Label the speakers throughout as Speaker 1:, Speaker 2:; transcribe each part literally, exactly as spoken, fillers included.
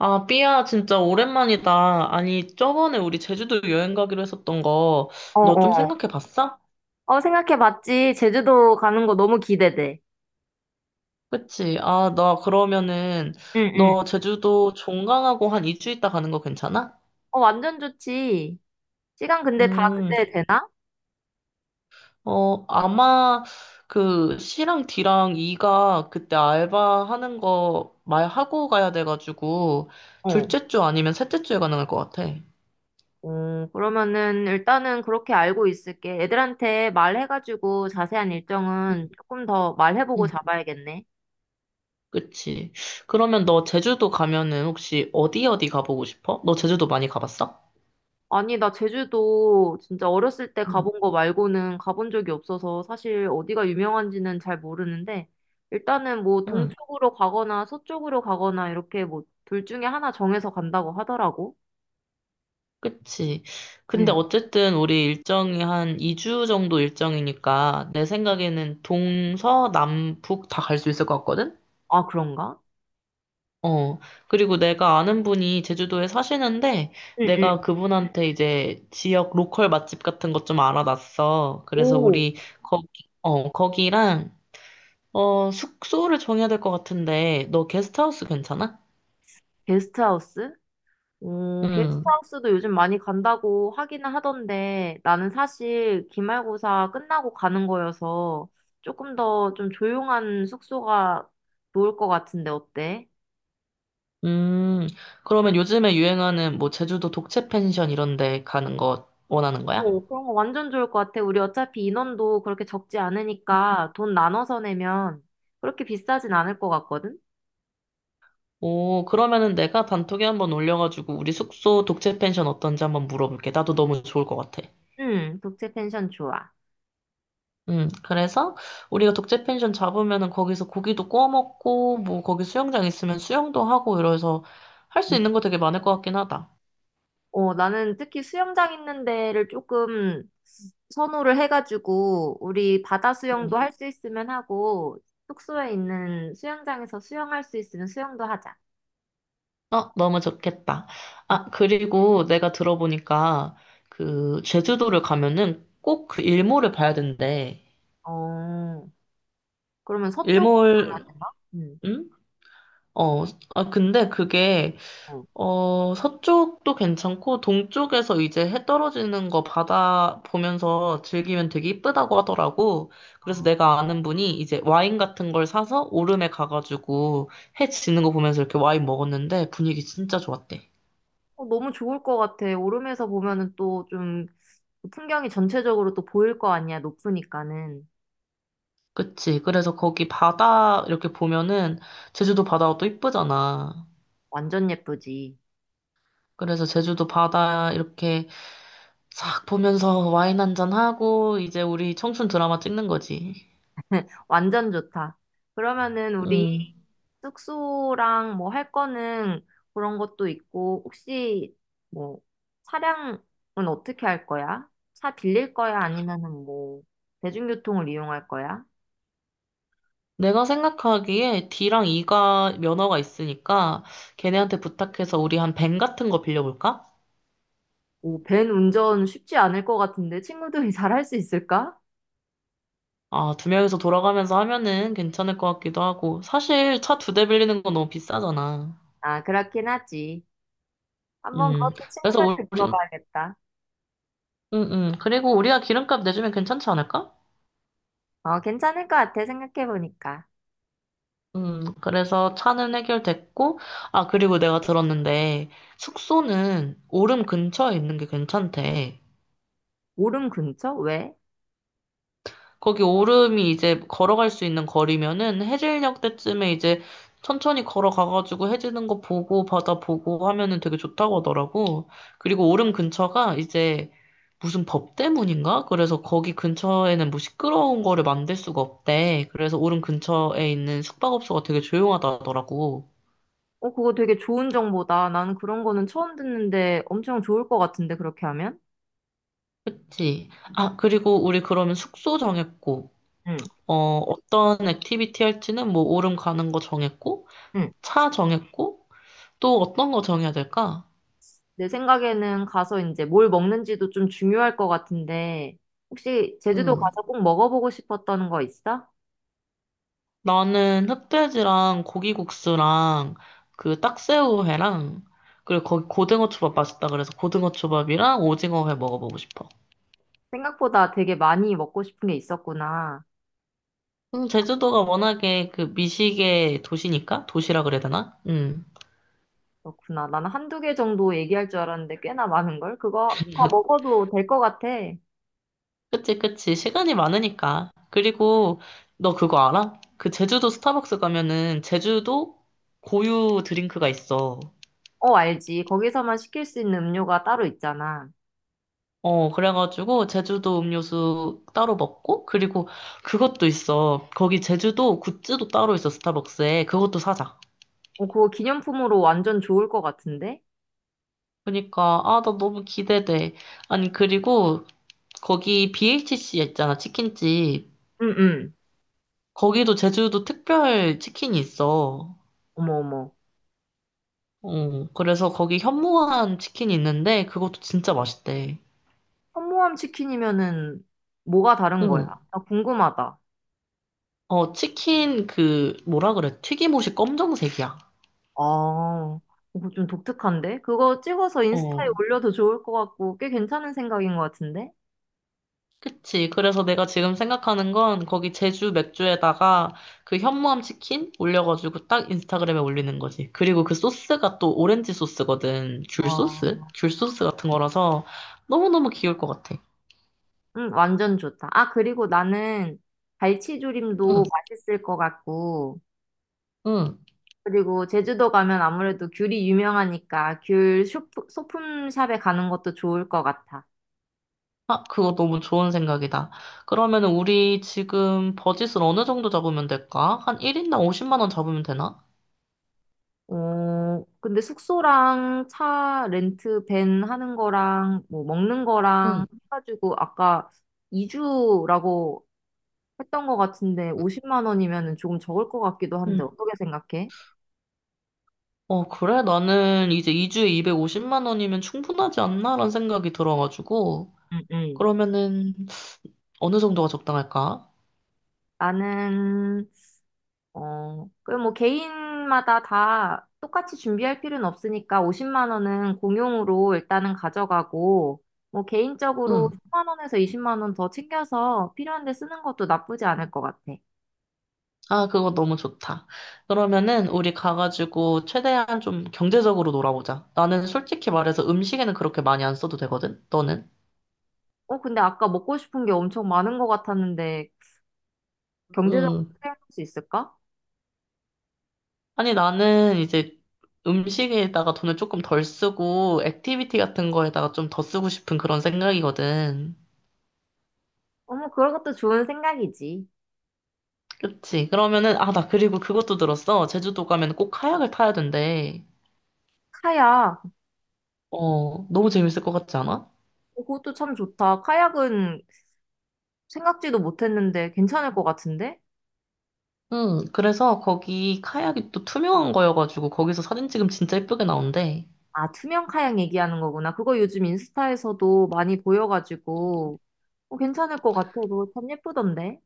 Speaker 1: 아, 삐야, 진짜 오랜만이다. 아니, 저번에 우리 제주도 여행 가기로 했었던 거,
Speaker 2: 어,
Speaker 1: 너 좀
Speaker 2: 어.
Speaker 1: 생각해 봤어?
Speaker 2: 어, 생각해봤지. 제주도 가는 거 너무 기대돼.
Speaker 1: 그치? 아, 나 그러면은,
Speaker 2: 응, 응.
Speaker 1: 너 제주도 종강하고 한 이 주 있다 가는 거 괜찮아?
Speaker 2: 어, 완전 좋지. 시간 근데 다
Speaker 1: 음,
Speaker 2: 그때 되나?
Speaker 1: 어, 아마 그 C랑 D랑 E가 그때 알바 하는 거 말하고 가야 돼가지고,
Speaker 2: 어.
Speaker 1: 둘째 주 아니면 셋째 주에 가능할 것 같아. 응,
Speaker 2: 어, 그러면은 일단은 그렇게 알고 있을게. 애들한테 말해가지고 자세한 일정은 조금 더 말해보고
Speaker 1: 응.
Speaker 2: 잡아야겠네.
Speaker 1: 그치. 그러면 너 제주도 가면은 혹시 어디 어디 가보고 싶어? 너 제주도 많이 가봤어?
Speaker 2: 아니, 나 제주도 진짜 어렸을 때
Speaker 1: 응.
Speaker 2: 가본 거 말고는 가본 적이 없어서 사실 어디가 유명한지는 잘 모르는데 일단은 뭐
Speaker 1: 응,
Speaker 2: 동쪽으로 가거나 서쪽으로 가거나 이렇게 뭐 둘 중에 하나 정해서 간다고 하더라고.
Speaker 1: 그치. 근데
Speaker 2: 응.
Speaker 1: 어쨌든 우리 일정이 한 이 주 정도 일정이니까 내 생각에는 동서, 남, 북 다 갈 수 있을 것 같거든?
Speaker 2: 아, 그런가?
Speaker 1: 어. 그리고 내가 아는 분이 제주도에 사시는데
Speaker 2: 응응.
Speaker 1: 내가 그분한테 이제 지역 로컬 맛집 같은 것 좀 알아놨어. 그래서
Speaker 2: 오,
Speaker 1: 우리 거기, 어, 거기랑 어, 숙소를 정해야 될 것 같은데, 너 게스트하우스 괜찮아?
Speaker 2: 게스트하우스? 오,
Speaker 1: 음,
Speaker 2: 게스트하우스도 요즘 많이 간다고 하기는 하던데 나는 사실 기말고사 끝나고 가는 거여서 조금 더 좀 조용한 숙소가 좋을 것 같은데 어때?
Speaker 1: 음, 그러면 요즘에 유행하는 뭐 제주도 독채 펜션 이런 데 가는 거 원하는 거야?
Speaker 2: 오 그런 거 완전 좋을 것 같아. 우리 어차피 인원도 그렇게 적지 않으니까 돈 나눠서 내면 그렇게 비싸진 않을 것 같거든?
Speaker 1: 오, 그러면은 내가 단톡에 한번 올려가지고 우리 숙소 독채 펜션 어떤지 한번 물어볼게. 나도 너무 좋을 것 같아.
Speaker 2: 응, 독채 펜션 좋아.
Speaker 1: 음, 그래서 우리가 독채 펜션 잡으면은 거기서 고기도 구워 먹고, 뭐 거기 수영장 있으면 수영도 하고 이래서 할 수 있는 거 되게 많을 것 같긴 하다.
Speaker 2: 어, 나는 특히 수영장 있는 데를 조금 선호를 해가지고, 우리 바다
Speaker 1: 응.
Speaker 2: 수영도 할 수 있으면 하고, 숙소에 있는 수영장에서 수영할 수 있으면 수영도 하자.
Speaker 1: 어, 너무 좋겠다. 아, 그리고 내가 들어보니까 그 제주도를 가면은 꼭 그 일몰을 봐야 된대.
Speaker 2: 어, 그러면 서쪽으로 가야
Speaker 1: 일몰,
Speaker 2: 되나? 응.
Speaker 1: 응? 어, 아, 근데 그게,
Speaker 2: 어.
Speaker 1: 어, 서쪽도 괜찮고, 동쪽에서 이제 해 떨어지는 거 바다 보면서 즐기면 되게 이쁘다고 하더라고. 그래서
Speaker 2: 아.
Speaker 1: 내가 아는 분이 이제 와인 같은 걸 사서 오름에 가가지고 해 지는 거 보면서 이렇게 와인 먹었는데 분위기 진짜 좋았대.
Speaker 2: 어, 너무 좋을 것 같아. 오름에서 보면은 또 좀 풍경이 전체적으로 또 보일 거 아니야, 높으니까는.
Speaker 1: 그치. 그래서 거기 바다 이렇게 보면은 제주도 바다가 또 이쁘잖아.
Speaker 2: 완전 예쁘지.
Speaker 1: 그래서 제주도 바다 이렇게 싹 보면서 와인 한 잔 하고 이제 우리 청춘 드라마 찍는 거지.
Speaker 2: 완전 좋다. 그러면은 우리
Speaker 1: 음.
Speaker 2: 숙소랑 뭐 할 거는 그런 것도 있고, 혹시 뭐 차량은 어떻게 할 거야? 차 빌릴 거야? 아니면은 뭐 대중교통을 이용할 거야?
Speaker 1: 내가 생각하기에 D랑 E가 면허가 있으니까 걔네한테 부탁해서 우리 한 밴 같은 거 빌려볼까?
Speaker 2: 오, 밴 운전 쉽지 않을 것 같은데 친구들이 잘 할 수 있을까?
Speaker 1: 아, 두 명이서 돌아가면서 하면은 괜찮을 것 같기도 하고. 사실 차 두 대 빌리는 건 너무 비싸잖아.
Speaker 2: 아, 그렇긴 하지. 한번
Speaker 1: 음.
Speaker 2: 그것도
Speaker 1: 그래서
Speaker 2: 친구들한테
Speaker 1: 우리,
Speaker 2: 물어봐야겠다.
Speaker 1: 음, 음. 그리고 우리가 기름값 내주면 괜찮지 않을까?
Speaker 2: 어, 괜찮을 것 같아, 생각해보니까.
Speaker 1: 음, 그래서 차는 해결됐고, 아, 그리고 내가 들었는데, 숙소는 오름 근처에 있는 게 괜찮대.
Speaker 2: 오름 근처? 왜?
Speaker 1: 거기 오름이 이제 걸어갈 수 있는 거리면은 해질녘 때쯤에 이제 천천히 걸어가가지고 해지는 거 보고 바다 보고 하면은 되게 좋다고 하더라고. 그리고 오름 근처가 이제 무슨 법 때문인가? 그래서 거기 근처에는 뭐 시끄러운 거를 만들 수가 없대. 그래서 오름 근처에 있는 숙박업소가 되게 조용하다 하더라고.
Speaker 2: 어, 그거 되게 좋은 정보다. 나는 그런 거는 처음 듣는데 엄청 좋을 것 같은데, 그렇게 하면?
Speaker 1: 그치. 아, 그리고 우리 그러면 숙소 정했고,
Speaker 2: 응.
Speaker 1: 어, 어떤 액티비티 할지는 뭐 오름 가는 거 정했고,
Speaker 2: 응.
Speaker 1: 차 정했고, 또 어떤 거 정해야 될까?
Speaker 2: 내 생각에는 가서 이제 뭘 먹는지도 좀 중요할 것 같은데, 혹시 제주도
Speaker 1: 음.
Speaker 2: 가서 꼭 먹어보고 싶었던 거 있어?
Speaker 1: 나는 흑돼지랑 고기국수랑 그 딱새우회랑 그리고 거기 고등어 초밥 맛있다 그래서 고등어 초밥이랑 오징어회 먹어보고 싶어.
Speaker 2: 생각보다 되게 많이 먹고 싶은 게 있었구나.
Speaker 1: 음, 제주도가 워낙에 그 미식의 도시니까 도시라 그래야 되나? 응.
Speaker 2: 그렇구나. 나는 한두 개 정도 얘기할 줄 알았는데 꽤나 많은걸? 그거 다 먹어도 될 것 같아.
Speaker 1: 그치, 그치. 시간이 많으니까. 그리고 너 그거 알아? 그 제주도 스타벅스 가면은 제주도 고유 드링크가 있어.
Speaker 2: 어, 알지. 거기서만 시킬 수 있는 음료가 따로 있잖아.
Speaker 1: 어, 그래가지고 제주도 음료수 따로 먹고, 그리고 그것도 있어. 거기 제주도 굿즈도 따로 있어, 스타벅스에. 그것도 사자.
Speaker 2: 어, 그거 기념품으로 완전 좋을 것 같은데?
Speaker 1: 그러니까, 아, 나 너무 기대돼. 아니, 그리고 거기 비에이치씨 있잖아, 치킨집.
Speaker 2: 응, 응.
Speaker 1: 거기도 제주도 특별 치킨이 있어.
Speaker 2: 어머, 어머.
Speaker 1: 어, 그래서 거기 현무암 치킨이 있는데 그것도 진짜 맛있대.
Speaker 2: 현모암 치킨이면은 뭐가 다른 거야?
Speaker 1: 응.
Speaker 2: 나 궁금하다.
Speaker 1: 어, 치킨 그 뭐라 그래? 튀김옷이 검정색이야.
Speaker 2: 아, 이거 좀 독특한데? 그거 찍어서 인스타에
Speaker 1: 어,
Speaker 2: 올려도 좋을 것 같고, 꽤 괜찮은 생각인 것 같은데?
Speaker 1: 그치. 그래서 내가 지금 생각하는 건 거기 제주 맥주에다가 그 현무암 치킨 올려가지고 딱 인스타그램에 올리는 거지. 그리고 그 소스가 또 오렌지 소스거든. 귤 소스?
Speaker 2: 어,
Speaker 1: 귤 소스 같은 거라서 너무너무 귀여울 것 같아.
Speaker 2: 응, 완전 좋다. 아, 그리고 나는
Speaker 1: 응,
Speaker 2: 갈치조림도 맛있을 것 같고,
Speaker 1: 응.
Speaker 2: 그리고 제주도 가면 아무래도 귤이 유명하니까 귤 쇼프- 소품샵에 가는 것도 좋을 것 같아.
Speaker 1: 아, 그거 너무 좋은 생각이다. 그러면 은 우리 지금 버짓을 어느 정도 잡으면 될까? 한 일 인당 오십만 원 잡으면 되나?
Speaker 2: 어, 근데 숙소랑 차 렌트 밴 하는 거랑 뭐 먹는 거랑
Speaker 1: 응.
Speaker 2: 해가지고 아까 이주라고 했던 것 같은데 오십만 원이면 조금 적을 것 같기도 한데
Speaker 1: 응.
Speaker 2: 어떻게 생각해?
Speaker 1: 어, 그래? 나는 이제 이 주에 이백오십만 원이면 충분하지 않나라는 생각이 들어가지고.
Speaker 2: 응, 응.
Speaker 1: 그러면은 어느 정도가 적당할까?
Speaker 2: 나는 어, 그 뭐 개인마다 다 똑같이 준비할 필요는 없으니까 오십만 원은 공용으로 일단은 가져가고 뭐 개인적으로
Speaker 1: 응.
Speaker 2: 십만 원에서 이십만 원 더 챙겨서 필요한 데 쓰는 것도 나쁘지 않을 것 같아.
Speaker 1: 아, 그거 너무 좋다. 그러면은 우리 가가지고 최대한 좀 경제적으로 놀아보자. 나는 솔직히 말해서 음식에는 그렇게 많이 안 써도 되거든? 너는?
Speaker 2: 어, 근데 아까 먹고 싶은 게 엄청 많은 것 같았는데 경제적으로 생각할 수 있을까?
Speaker 1: 아니, 나는 이제 음식에다가 돈을 조금 덜 쓰고, 액티비티 같은 거에다가 좀 더 쓰고 싶은 그런 생각이거든.
Speaker 2: 어머, 그런 것도 좋은 생각이지.
Speaker 1: 그치? 그러면은, 아, 나 그리고 그것도 들었어. 제주도 가면 꼭 카약을 타야 된대.
Speaker 2: 카약.
Speaker 1: 어, 너무 재밌을 것 같지 않아?
Speaker 2: 어, 그것도 참 좋다. 카약은 생각지도 못했는데 괜찮을 것 같은데?
Speaker 1: 응, 그래서 거기 카약이 또 투명한 거여가지고, 거기서 사진 찍으면 진짜 예쁘게 나온대.
Speaker 2: 아, 투명 카약 얘기하는 거구나. 그거 요즘 인스타에서도 많이 보여가지고 어, 괜찮을 것 같아. 그거 참 예쁘던데.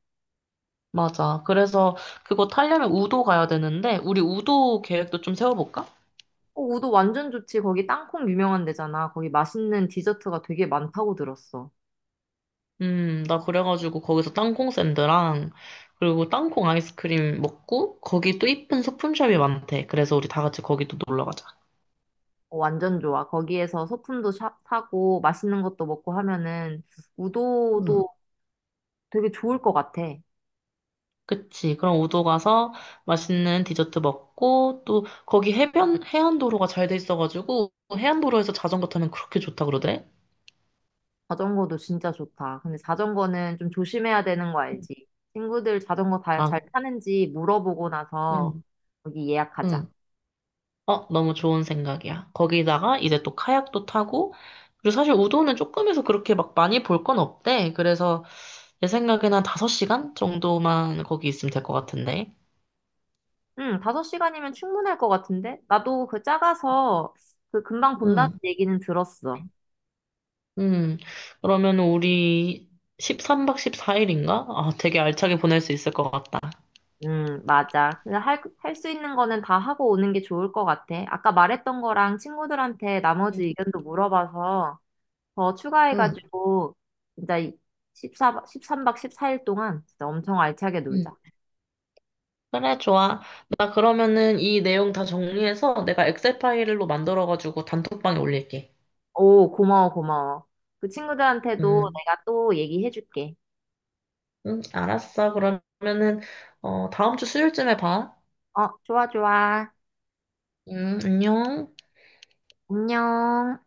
Speaker 1: 맞아. 그래서 그거 타려면 우도 가야 되는데, 우리 우도 계획도 좀 세워볼까?
Speaker 2: 어, 우도 완전 좋지. 거기 땅콩 유명한 데잖아. 거기 맛있는 디저트가 되게 많다고 들었어.
Speaker 1: 음, 나 그래가지고 거기서 땅콩 샌드랑 그리고 땅콩 아이스크림 먹고 거기 또 이쁜 소품샵이 많대. 그래서 우리 다 같이 거기 또 놀러 가자.
Speaker 2: 어, 완전 좋아. 거기에서 소품도 사, 사고 맛있는 것도 먹고 하면은
Speaker 1: 응.
Speaker 2: 우도도 되게 좋을 것 같아.
Speaker 1: 그치. 그럼 우도 가서 맛있는 디저트 먹고 또 거기 해변, 해안도로가 잘 돼 있어가지고 해안도로에서 자전거 타면 그렇게 좋다 그러더래.
Speaker 2: 자전거도 진짜 좋다. 근데 자전거는 좀 조심해야 되는 거 알지? 친구들 자전거 다 잘
Speaker 1: 아,
Speaker 2: 타는지 물어보고 나서
Speaker 1: 음.
Speaker 2: 여기
Speaker 1: 응.
Speaker 2: 예약하자.
Speaker 1: 응. 어, 너무 좋은 생각이야. 거기다가 이제 또 카약도 타고, 그리고 사실 우도는 조금 해서 그렇게 막 많이 볼 건 없대. 그래서 내 생각에는 한 다섯 시간 정도만 거기 있으면 될 것 같은데.
Speaker 2: 응, 다섯 시간이면 충분할 것 같은데? 나도 그 작아서 그 금방 본다는
Speaker 1: 음,
Speaker 2: 얘기는 들었어.
Speaker 1: 음. 그러면 우리 십삼 박 십사 일인가? 아, 되게 알차게 보낼 수 있을 것 같다.
Speaker 2: 응, 맞아. 근데 할, 할 수 있는 거는 다 하고 오는 게 좋을 것 같아. 아까 말했던 거랑 친구들한테
Speaker 1: 응,
Speaker 2: 나머지 의견도 물어봐서 더
Speaker 1: 응,
Speaker 2: 추가해가지고 진짜 십사, 십삼 박 십사 일 동안 진짜 엄청 알차게
Speaker 1: 응.
Speaker 2: 놀자.
Speaker 1: 그래, 좋아. 나 그러면은 이 내용 다 정리해서 내가 엑셀 파일로 만들어가지고 단톡방에 올릴게.
Speaker 2: 오, 고마워, 고마워. 그 친구들한테도
Speaker 1: 응,
Speaker 2: 내가 또 얘기해줄게.
Speaker 1: 응. 알았어. 그러면은, 어, 다음 주 수요일쯤에 봐.
Speaker 2: 어, 좋아, 좋아.
Speaker 1: 응, 안녕.
Speaker 2: 안녕.